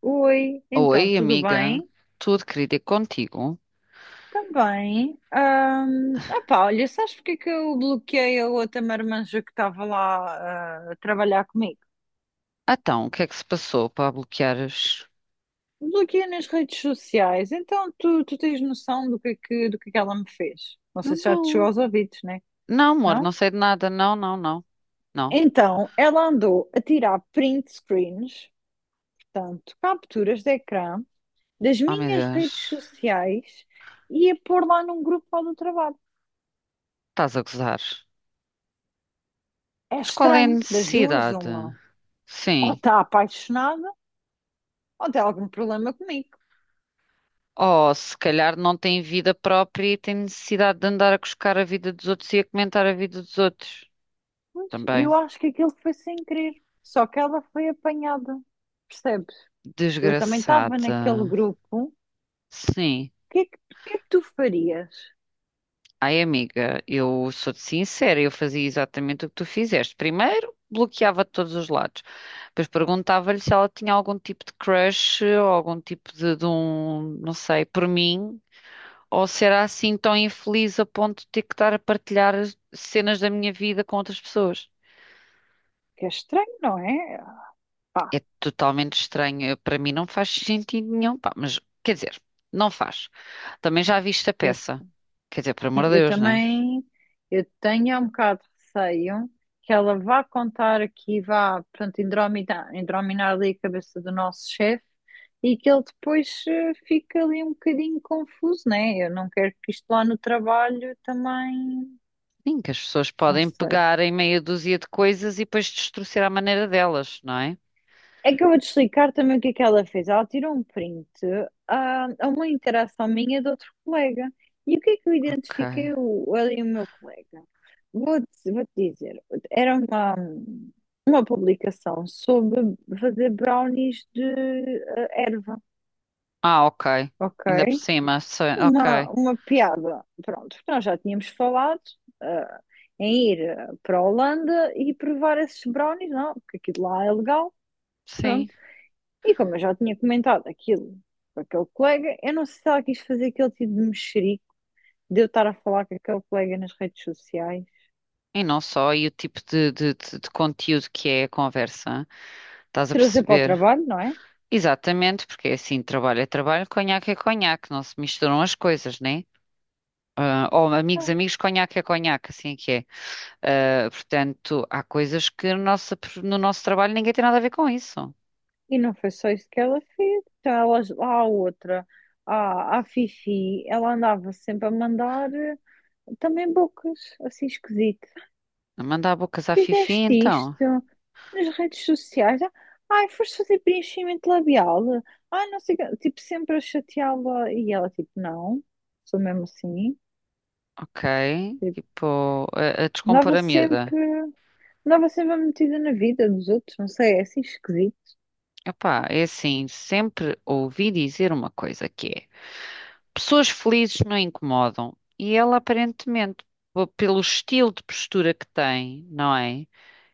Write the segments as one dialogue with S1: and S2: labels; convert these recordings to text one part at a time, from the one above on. S1: Oi, então,
S2: Oi,
S1: tudo
S2: amiga.
S1: bem?
S2: Tudo, querida, e contigo?
S1: Também. Opá, olha, sabes porque é que eu bloqueei a outra marmanja que estava lá a trabalhar comigo?
S2: Então, o que é que se passou para bloqueares?
S1: Bloqueei nas redes sociais, então tu tens noção do que é que ela me fez? Não
S2: Eu
S1: sei se já te chegou
S2: não.
S1: aos ouvidos, né?
S2: Não, amor, não
S1: Não?
S2: sei de nada. Não, não, não. Não.
S1: Então, ela andou a tirar print screens, portanto, capturas de ecrã, das
S2: Oh, meu
S1: minhas redes
S2: Deus.
S1: sociais e a pôr lá num grupo lá do trabalho.
S2: Estás a gozar.
S1: É
S2: Mas qual é a
S1: estranho, das duas,
S2: necessidade?
S1: uma. Ou
S2: Sim.
S1: está apaixonada ou tem algum problema comigo.
S2: Oh, se calhar não tem vida própria e tem necessidade de andar a cuscar a vida dos outros e a comentar a vida dos outros.
S1: E
S2: Também.
S1: eu acho que aquilo foi sem querer, só que ela foi apanhada, percebes? Eu também estava
S2: Desgraçada.
S1: naquele grupo. O
S2: Sim.
S1: que é que, o que é que tu farias?
S2: Ai, amiga, eu sou-te sincera, eu fazia exatamente o que tu fizeste. Primeiro, bloqueava de todos os lados. Depois perguntava-lhe se ela tinha algum tipo de crush ou algum tipo de um, não sei, por mim. Ou se era assim tão infeliz a ponto de ter que estar a partilhar as cenas da minha vida com outras pessoas.
S1: Que é estranho, não é? Pá,
S2: É totalmente estranho. Para mim não faz sentido nenhum. Pá, mas, quer dizer, não faz. Também já viste a
S1: eu
S2: peça. Quer dizer, por amor
S1: sim,
S2: de
S1: eu
S2: Deus, né?
S1: também eu tenho um bocado de receio que ela vá contar aqui, vá, pronto, indrominar, indrominar ali a cabeça do nosso chefe e que ele depois fique ali um bocadinho confuso, né? Eu não quero que isto lá no trabalho também,
S2: Sim, que as pessoas
S1: não
S2: podem
S1: sei.
S2: pegar em meia dúzia de coisas e depois destruir à maneira delas, não é?
S1: É que eu vou-te explicar também o que é que ela fez. Ela tirou um print a uma interação minha de outro colega. E o que é que eu
S2: Ok.
S1: identifiquei o, ele e o meu colega? Vou-te dizer, era uma publicação sobre fazer brownies de erva,
S2: Ah, ok.
S1: ok?
S2: Ainda por cima, ok.
S1: Uma piada, pronto, porque nós já tínhamos falado ah, em ir para a Holanda e provar esses brownies, não, porque aquilo lá é legal,
S2: Sim.
S1: pronto. E como eu já tinha comentado aquilo com aquele colega, eu não sei se ela quis fazer aquele tipo de mexerico de eu estar a falar com aquele colega nas redes sociais,
S2: E não só, e o tipo de conteúdo que é a conversa, estás a
S1: trazer para o
S2: perceber?
S1: trabalho, não é?
S2: Exatamente, porque é assim, trabalho é trabalho, conhaque é conhaque, não se misturam as coisas, né? Ah, ou amigos,
S1: Não.
S2: amigos, conhaque é conhaque, assim é que é. Ah, portanto, há coisas que no nosso trabalho ninguém tem nada a ver com isso.
S1: E não foi só isso que ela fez. Então, ela, lá a outra, a Fifi, ela andava sempre a mandar também bocas, assim esquisito.
S2: Mandar bocas à Fifi,
S1: Fizeste
S2: então.
S1: isto nas redes sociais? Ah, ai, foste fazer preenchimento labial? Ah, não sei o quê. Tipo, sempre a chateá-la. E ela, tipo, não, sou mesmo assim.
S2: Ok,
S1: Tipo,
S2: tipo, a descompor
S1: andava
S2: a miúda.
S1: sempre, andava sempre metida na vida dos outros, não sei, é assim esquisito.
S2: Epá, é assim, sempre ouvi dizer uma coisa que é: pessoas felizes não incomodam. E ela, aparentemente, pelo estilo de postura que tem, não é?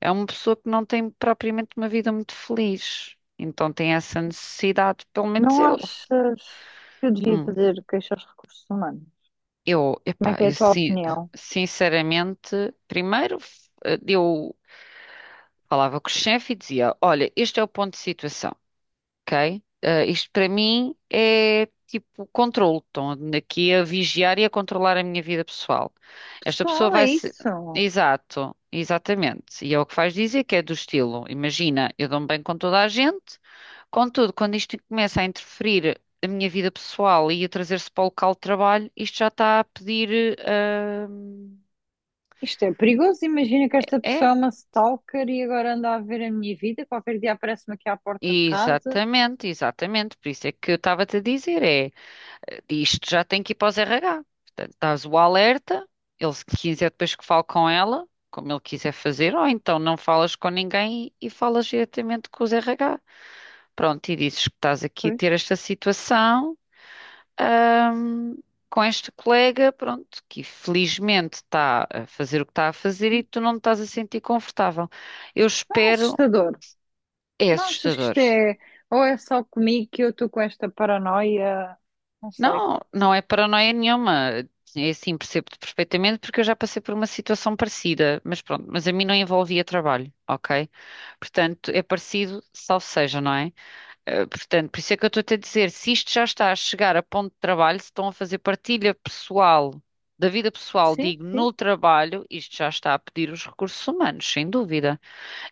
S2: É uma pessoa que não tem propriamente uma vida muito feliz. Então tem essa necessidade, pelo menos
S1: Não
S2: eu.
S1: achas que eu devia
S2: Hum,
S1: fazer queixa aos recursos humanos?
S2: eu,
S1: Como é
S2: epá,
S1: que é
S2: eu
S1: a tua opinião?
S2: sinceramente, primeiro eu falava com o chefe e dizia: Olha, este é o ponto de situação. Ok? Ah, isto para mim é tipo controle. Estão aqui a vigiar e a controlar a minha vida pessoal. Esta pessoa
S1: Pessoal, é
S2: vai se.
S1: isso.
S2: Exato, exatamente. E é o que faz dizer que é do estilo. Imagina, eu dou-me bem com toda a gente, contudo, quando isto começa a interferir a minha vida pessoal e a trazer-se para o local de trabalho, isto já está a pedir. Ah,
S1: Isto é perigoso. Imagina que esta
S2: é,
S1: pessoa é uma stalker e agora anda a ver a minha vida. Qualquer dia aparece-me aqui à porta de casa.
S2: exatamente, exatamente. Por isso é que eu estava-te a dizer, é. Isto já tem que ir para os RH. Portanto, dás o alerta, ele se quiser depois que fale com ela, como ele quiser fazer, ou então não falas com ninguém e, falas diretamente com os RH. Pronto, e dizes que estás aqui a ter
S1: Pois,
S2: esta situação, ahm, com este colega, pronto, que felizmente está a fazer o que está a fazer e tu não te estás a sentir confortável. Eu
S1: não é
S2: espero,
S1: assustador.
S2: é
S1: Não achas que
S2: assustador.
S1: isto é. Ou é só comigo que eu estou com esta paranoia? Não sei.
S2: Não, não é paranoia nenhuma. É assim, percebo-te perfeitamente porque eu já passei por uma situação parecida, mas pronto, mas a mim não envolvia trabalho, ok? Portanto, é parecido, salvo seja, não é? Eh, portanto, por isso é que eu estou a dizer, se isto já está a chegar a ponto de trabalho, se estão a fazer partilha pessoal, da vida pessoal,
S1: Sim,
S2: digo,
S1: sim.
S2: no trabalho, isto já está a pedir os recursos humanos, sem dúvida.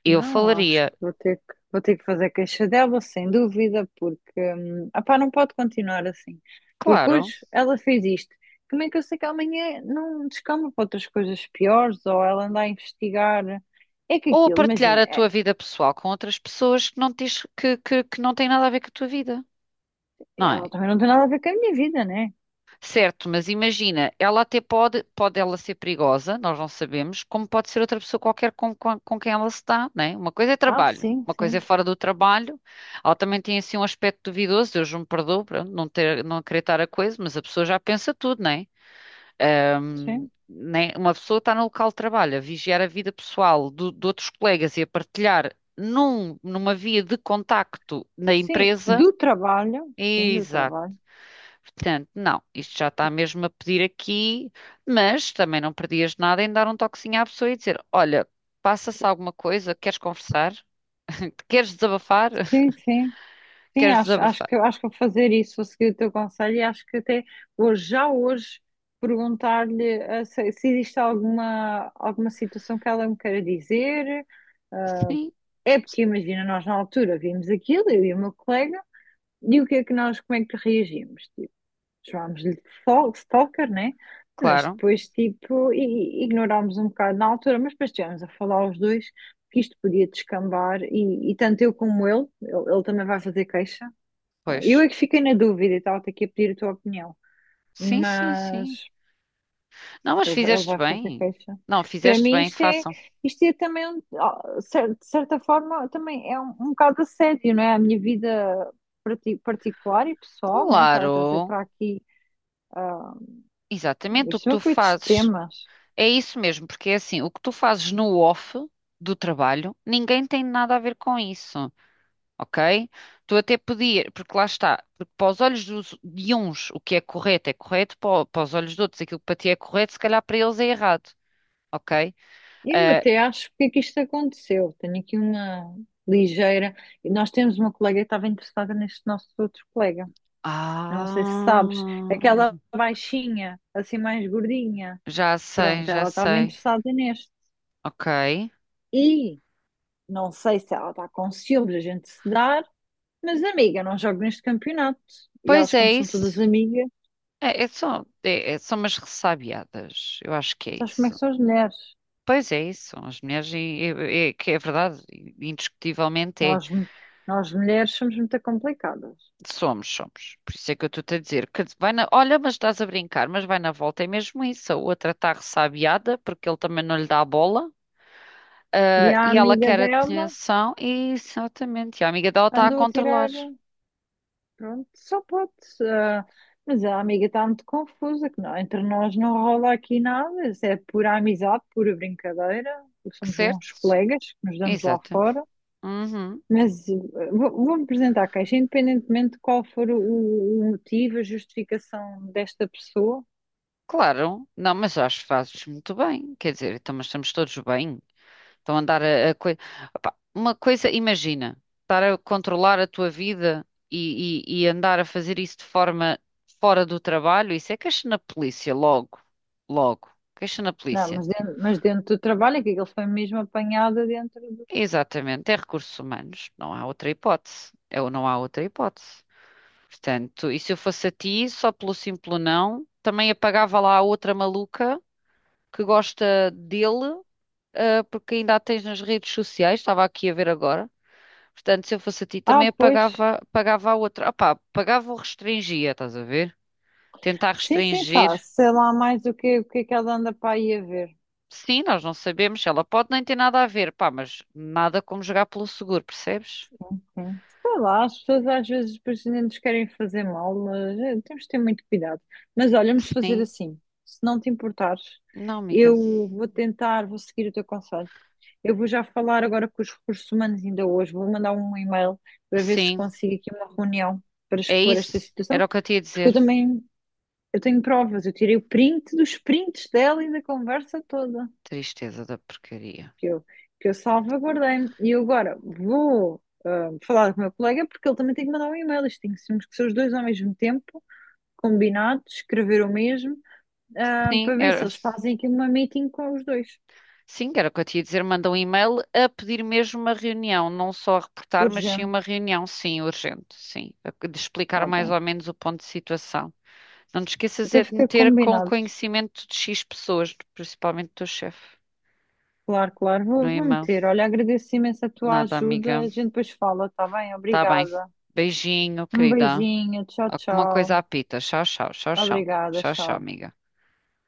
S2: Eu
S1: Não, acho que
S2: falaria,
S1: vou ter que fazer queixa dela, sem dúvida, porque opá, não pode continuar assim. Porque
S2: claro,
S1: hoje ela fez isto. Como é que eu sei que amanhã não descamba para outras coisas piores ou ela anda a investigar? É que
S2: ou a
S1: aquilo,
S2: partilhar
S1: imagina,
S2: a tua vida pessoal com outras pessoas que não, tens, que não têm nada a ver com a tua vida. Não é?
S1: ela também não tem nada a ver com a minha vida, né?
S2: Certo, mas imagina, ela até pode, pode ela ser perigosa, nós não sabemos, como pode ser outra pessoa qualquer com quem ela se dá, não é? Uma coisa é
S1: Ah,
S2: trabalho,
S1: sim,
S2: uma coisa é
S1: sim,
S2: fora do trabalho, ela também tem assim um aspecto duvidoso, Deus me perdoe, pronto, não ter, não acreditar a coisa, mas a pessoa já pensa tudo, não é?
S1: sim.
S2: Né? Uma pessoa está no local de trabalho a vigiar a vida pessoal de outros colegas e a partilhar numa via de contacto na
S1: Sim,
S2: empresa.
S1: do trabalho, sim, do
S2: Exato.
S1: trabalho.
S2: Portanto, não, isto já está mesmo a pedir aqui, mas também não perdias nada em dar um toquezinho à pessoa e dizer: Olha, passa-se alguma coisa, queres conversar? Queres desabafar?
S1: Sim, sim. Sim,
S2: Queres desabafar?
S1: acho que vou fazer isso, vou seguir o teu conselho e acho que até hoje, já hoje, perguntar-lhe se, se existe alguma situação que ela me queira dizer. Eh,
S2: Sim,
S1: É porque imagina, nós na altura vimos aquilo, eu e o meu colega, e o que é que nós, como é que reagimos? Tipo, chamámos-lhe de stalker, né? Mas
S2: claro,
S1: depois, tipo, ignorámos um bocado na altura, mas depois estivemos a falar os dois que isto podia descambar e tanto eu como ele, ele também vai fazer queixa, eu
S2: pois.
S1: é que fiquei na dúvida e estava-te aqui a pedir a tua opinião,
S2: Sim, sim,
S1: mas
S2: sim. Não, mas
S1: vai ele
S2: fizeste
S1: vai fazer
S2: bem.
S1: queixa.
S2: Não,
S1: Para
S2: fizeste
S1: mim,
S2: bem, façam.
S1: isto é também, de certa forma, também é um bocado assédio, não é? A minha vida particular e pessoal, né? Estar a trazer
S2: Claro,
S1: para aqui,
S2: exatamente o
S1: isto
S2: que
S1: são
S2: tu
S1: coitos de
S2: fazes.
S1: temas.
S2: É isso mesmo, porque é assim, o que tu fazes no off do trabalho, ninguém tem nada a ver com isso. Ok? Tu até podia porque lá está, porque para os olhos de uns o que é correto, para, para os olhos de outros aquilo que para ti é correto, se calhar para eles é errado, ok?
S1: Eu
S2: Eh,
S1: até acho porque é que isto aconteceu. Tenho aqui uma ligeira. E nós temos uma colega que estava interessada neste nosso outro colega. Eu não sei se sabes,
S2: ah,
S1: aquela baixinha, assim mais gordinha. Pronto,
S2: já
S1: ela estava
S2: sei,
S1: interessada neste.
S2: ok.
S1: E não sei se ela está com ciúmes a gente se dar, mas amiga, não jogo neste campeonato. E
S2: Pois
S1: elas, como
S2: é
S1: são
S2: isso.
S1: todas amigas,
S2: É só, são umas ressabiadas, eu acho que é
S1: sabes como é que
S2: isso.
S1: são as mulheres?
S2: Pois é isso, as mulheres, que é verdade, indiscutivelmente é.
S1: Nós, mu- nós mulheres somos muito complicadas.
S2: Somos, somos. Por isso é que eu estou-te a dizer que olha, mas estás a brincar, mas vai na volta. É mesmo isso. A outra está ressabiada porque ele também não lhe dá a bola.
S1: E
S2: Ah,
S1: a
S2: e ela
S1: amiga
S2: quer
S1: dela
S2: atenção. E, exatamente. E a amiga dela está a
S1: andou a
S2: controlar.
S1: tirar, pronto, só pode. ah, mas a amiga está muito confusa, que não, entre nós não rola aqui nada, isso é pura amizade, pura brincadeira, somos bons
S2: Certo?
S1: colegas que nos damos lá
S2: Exato.
S1: fora.
S2: Uhum.
S1: Mas vou-me apresentar a queixa, independentemente de qual for o motivo, a justificação desta pessoa.
S2: Claro. Não, mas acho que fazes muito bem. Quer dizer, então, mas estamos todos bem. Estão a andar. Opá, uma coisa, imagina, estar a controlar a tua vida e, e andar a fazer isso de forma fora do trabalho, isso é queixa na polícia, logo, logo, queixa na
S1: Não,
S2: polícia.
S1: mas dentro do trabalho, é que ele foi mesmo apanhado dentro do.
S2: Exatamente, é recursos humanos, não há outra hipótese, é ou não há outra hipótese. Portanto, e se eu fosse a ti, só pelo simples não, também apagava lá a outra maluca que gosta dele, ah, porque ainda a tens nas redes sociais, estava aqui a ver agora. Portanto, se eu fosse a ti,
S1: Ah,
S2: também
S1: pois.
S2: apagava, pagava a outra. Opá, pagava ou restringia, estás a ver? Tentar
S1: Sim, sim, sabe,
S2: restringir.
S1: sei lá mais o o que é que ela anda para aí a ver.
S2: Sim, nós não sabemos. Ela pode nem ter nada a ver, pá, mas nada como jogar pelo seguro, percebes?
S1: Sim. Sei lá, as pessoas às vezes depois nem nos querem fazer mal, mas temos de ter muito cuidado. Mas olha, vamos fazer
S2: Sim.
S1: assim, se não te importares,
S2: Não, amiga.
S1: vou seguir o teu conselho. Eu vou já falar agora com os recursos humanos ainda hoje. Vou mandar um e-mail para ver se
S2: Sim,
S1: consigo aqui uma reunião para
S2: é
S1: expor
S2: isso.
S1: esta situação,
S2: Era o que eu te ia
S1: porque eu
S2: dizer.
S1: também eu tenho provas. Eu tirei o print dos prints dela e da conversa toda
S2: Tristeza da porcaria.
S1: que eu, que eu salvaguardei. E eu agora vou falar com o meu colega porque ele também tem que mandar um e-mail. Isto tem que ser os dois ao mesmo tempo, combinados, escrever o mesmo,
S2: Sim,
S1: para ver se
S2: era,
S1: eles fazem aqui uma meeting com os dois.
S2: sim, era o que eu te ia dizer. Manda um e-mail a pedir mesmo uma reunião. Não só a reportar, mas sim uma
S1: Urgente,
S2: reunião, sim, urgente. Sim, de explicar
S1: tá
S2: mais
S1: bem.
S2: ou menos o ponto de situação. Não te esqueças
S1: Então
S2: é de
S1: fica
S2: meter com
S1: combinado.
S2: conhecimento de X pessoas, principalmente do teu chefe.
S1: Claro, claro,
S2: No
S1: vou
S2: e-mail.
S1: meter. Olha, agradeço imenso a tua
S2: Nada,
S1: ajuda.
S2: amiga.
S1: A gente depois fala, tá bem?
S2: Tá bem.
S1: Obrigada.
S2: Beijinho,
S1: Um
S2: querida.
S1: beijinho, tchau,
S2: Alguma coisa
S1: tchau.
S2: apita. Tchau, tchau, tchau, tchau.
S1: Obrigada,
S2: Tchau, tchau,
S1: tchau.
S2: amiga.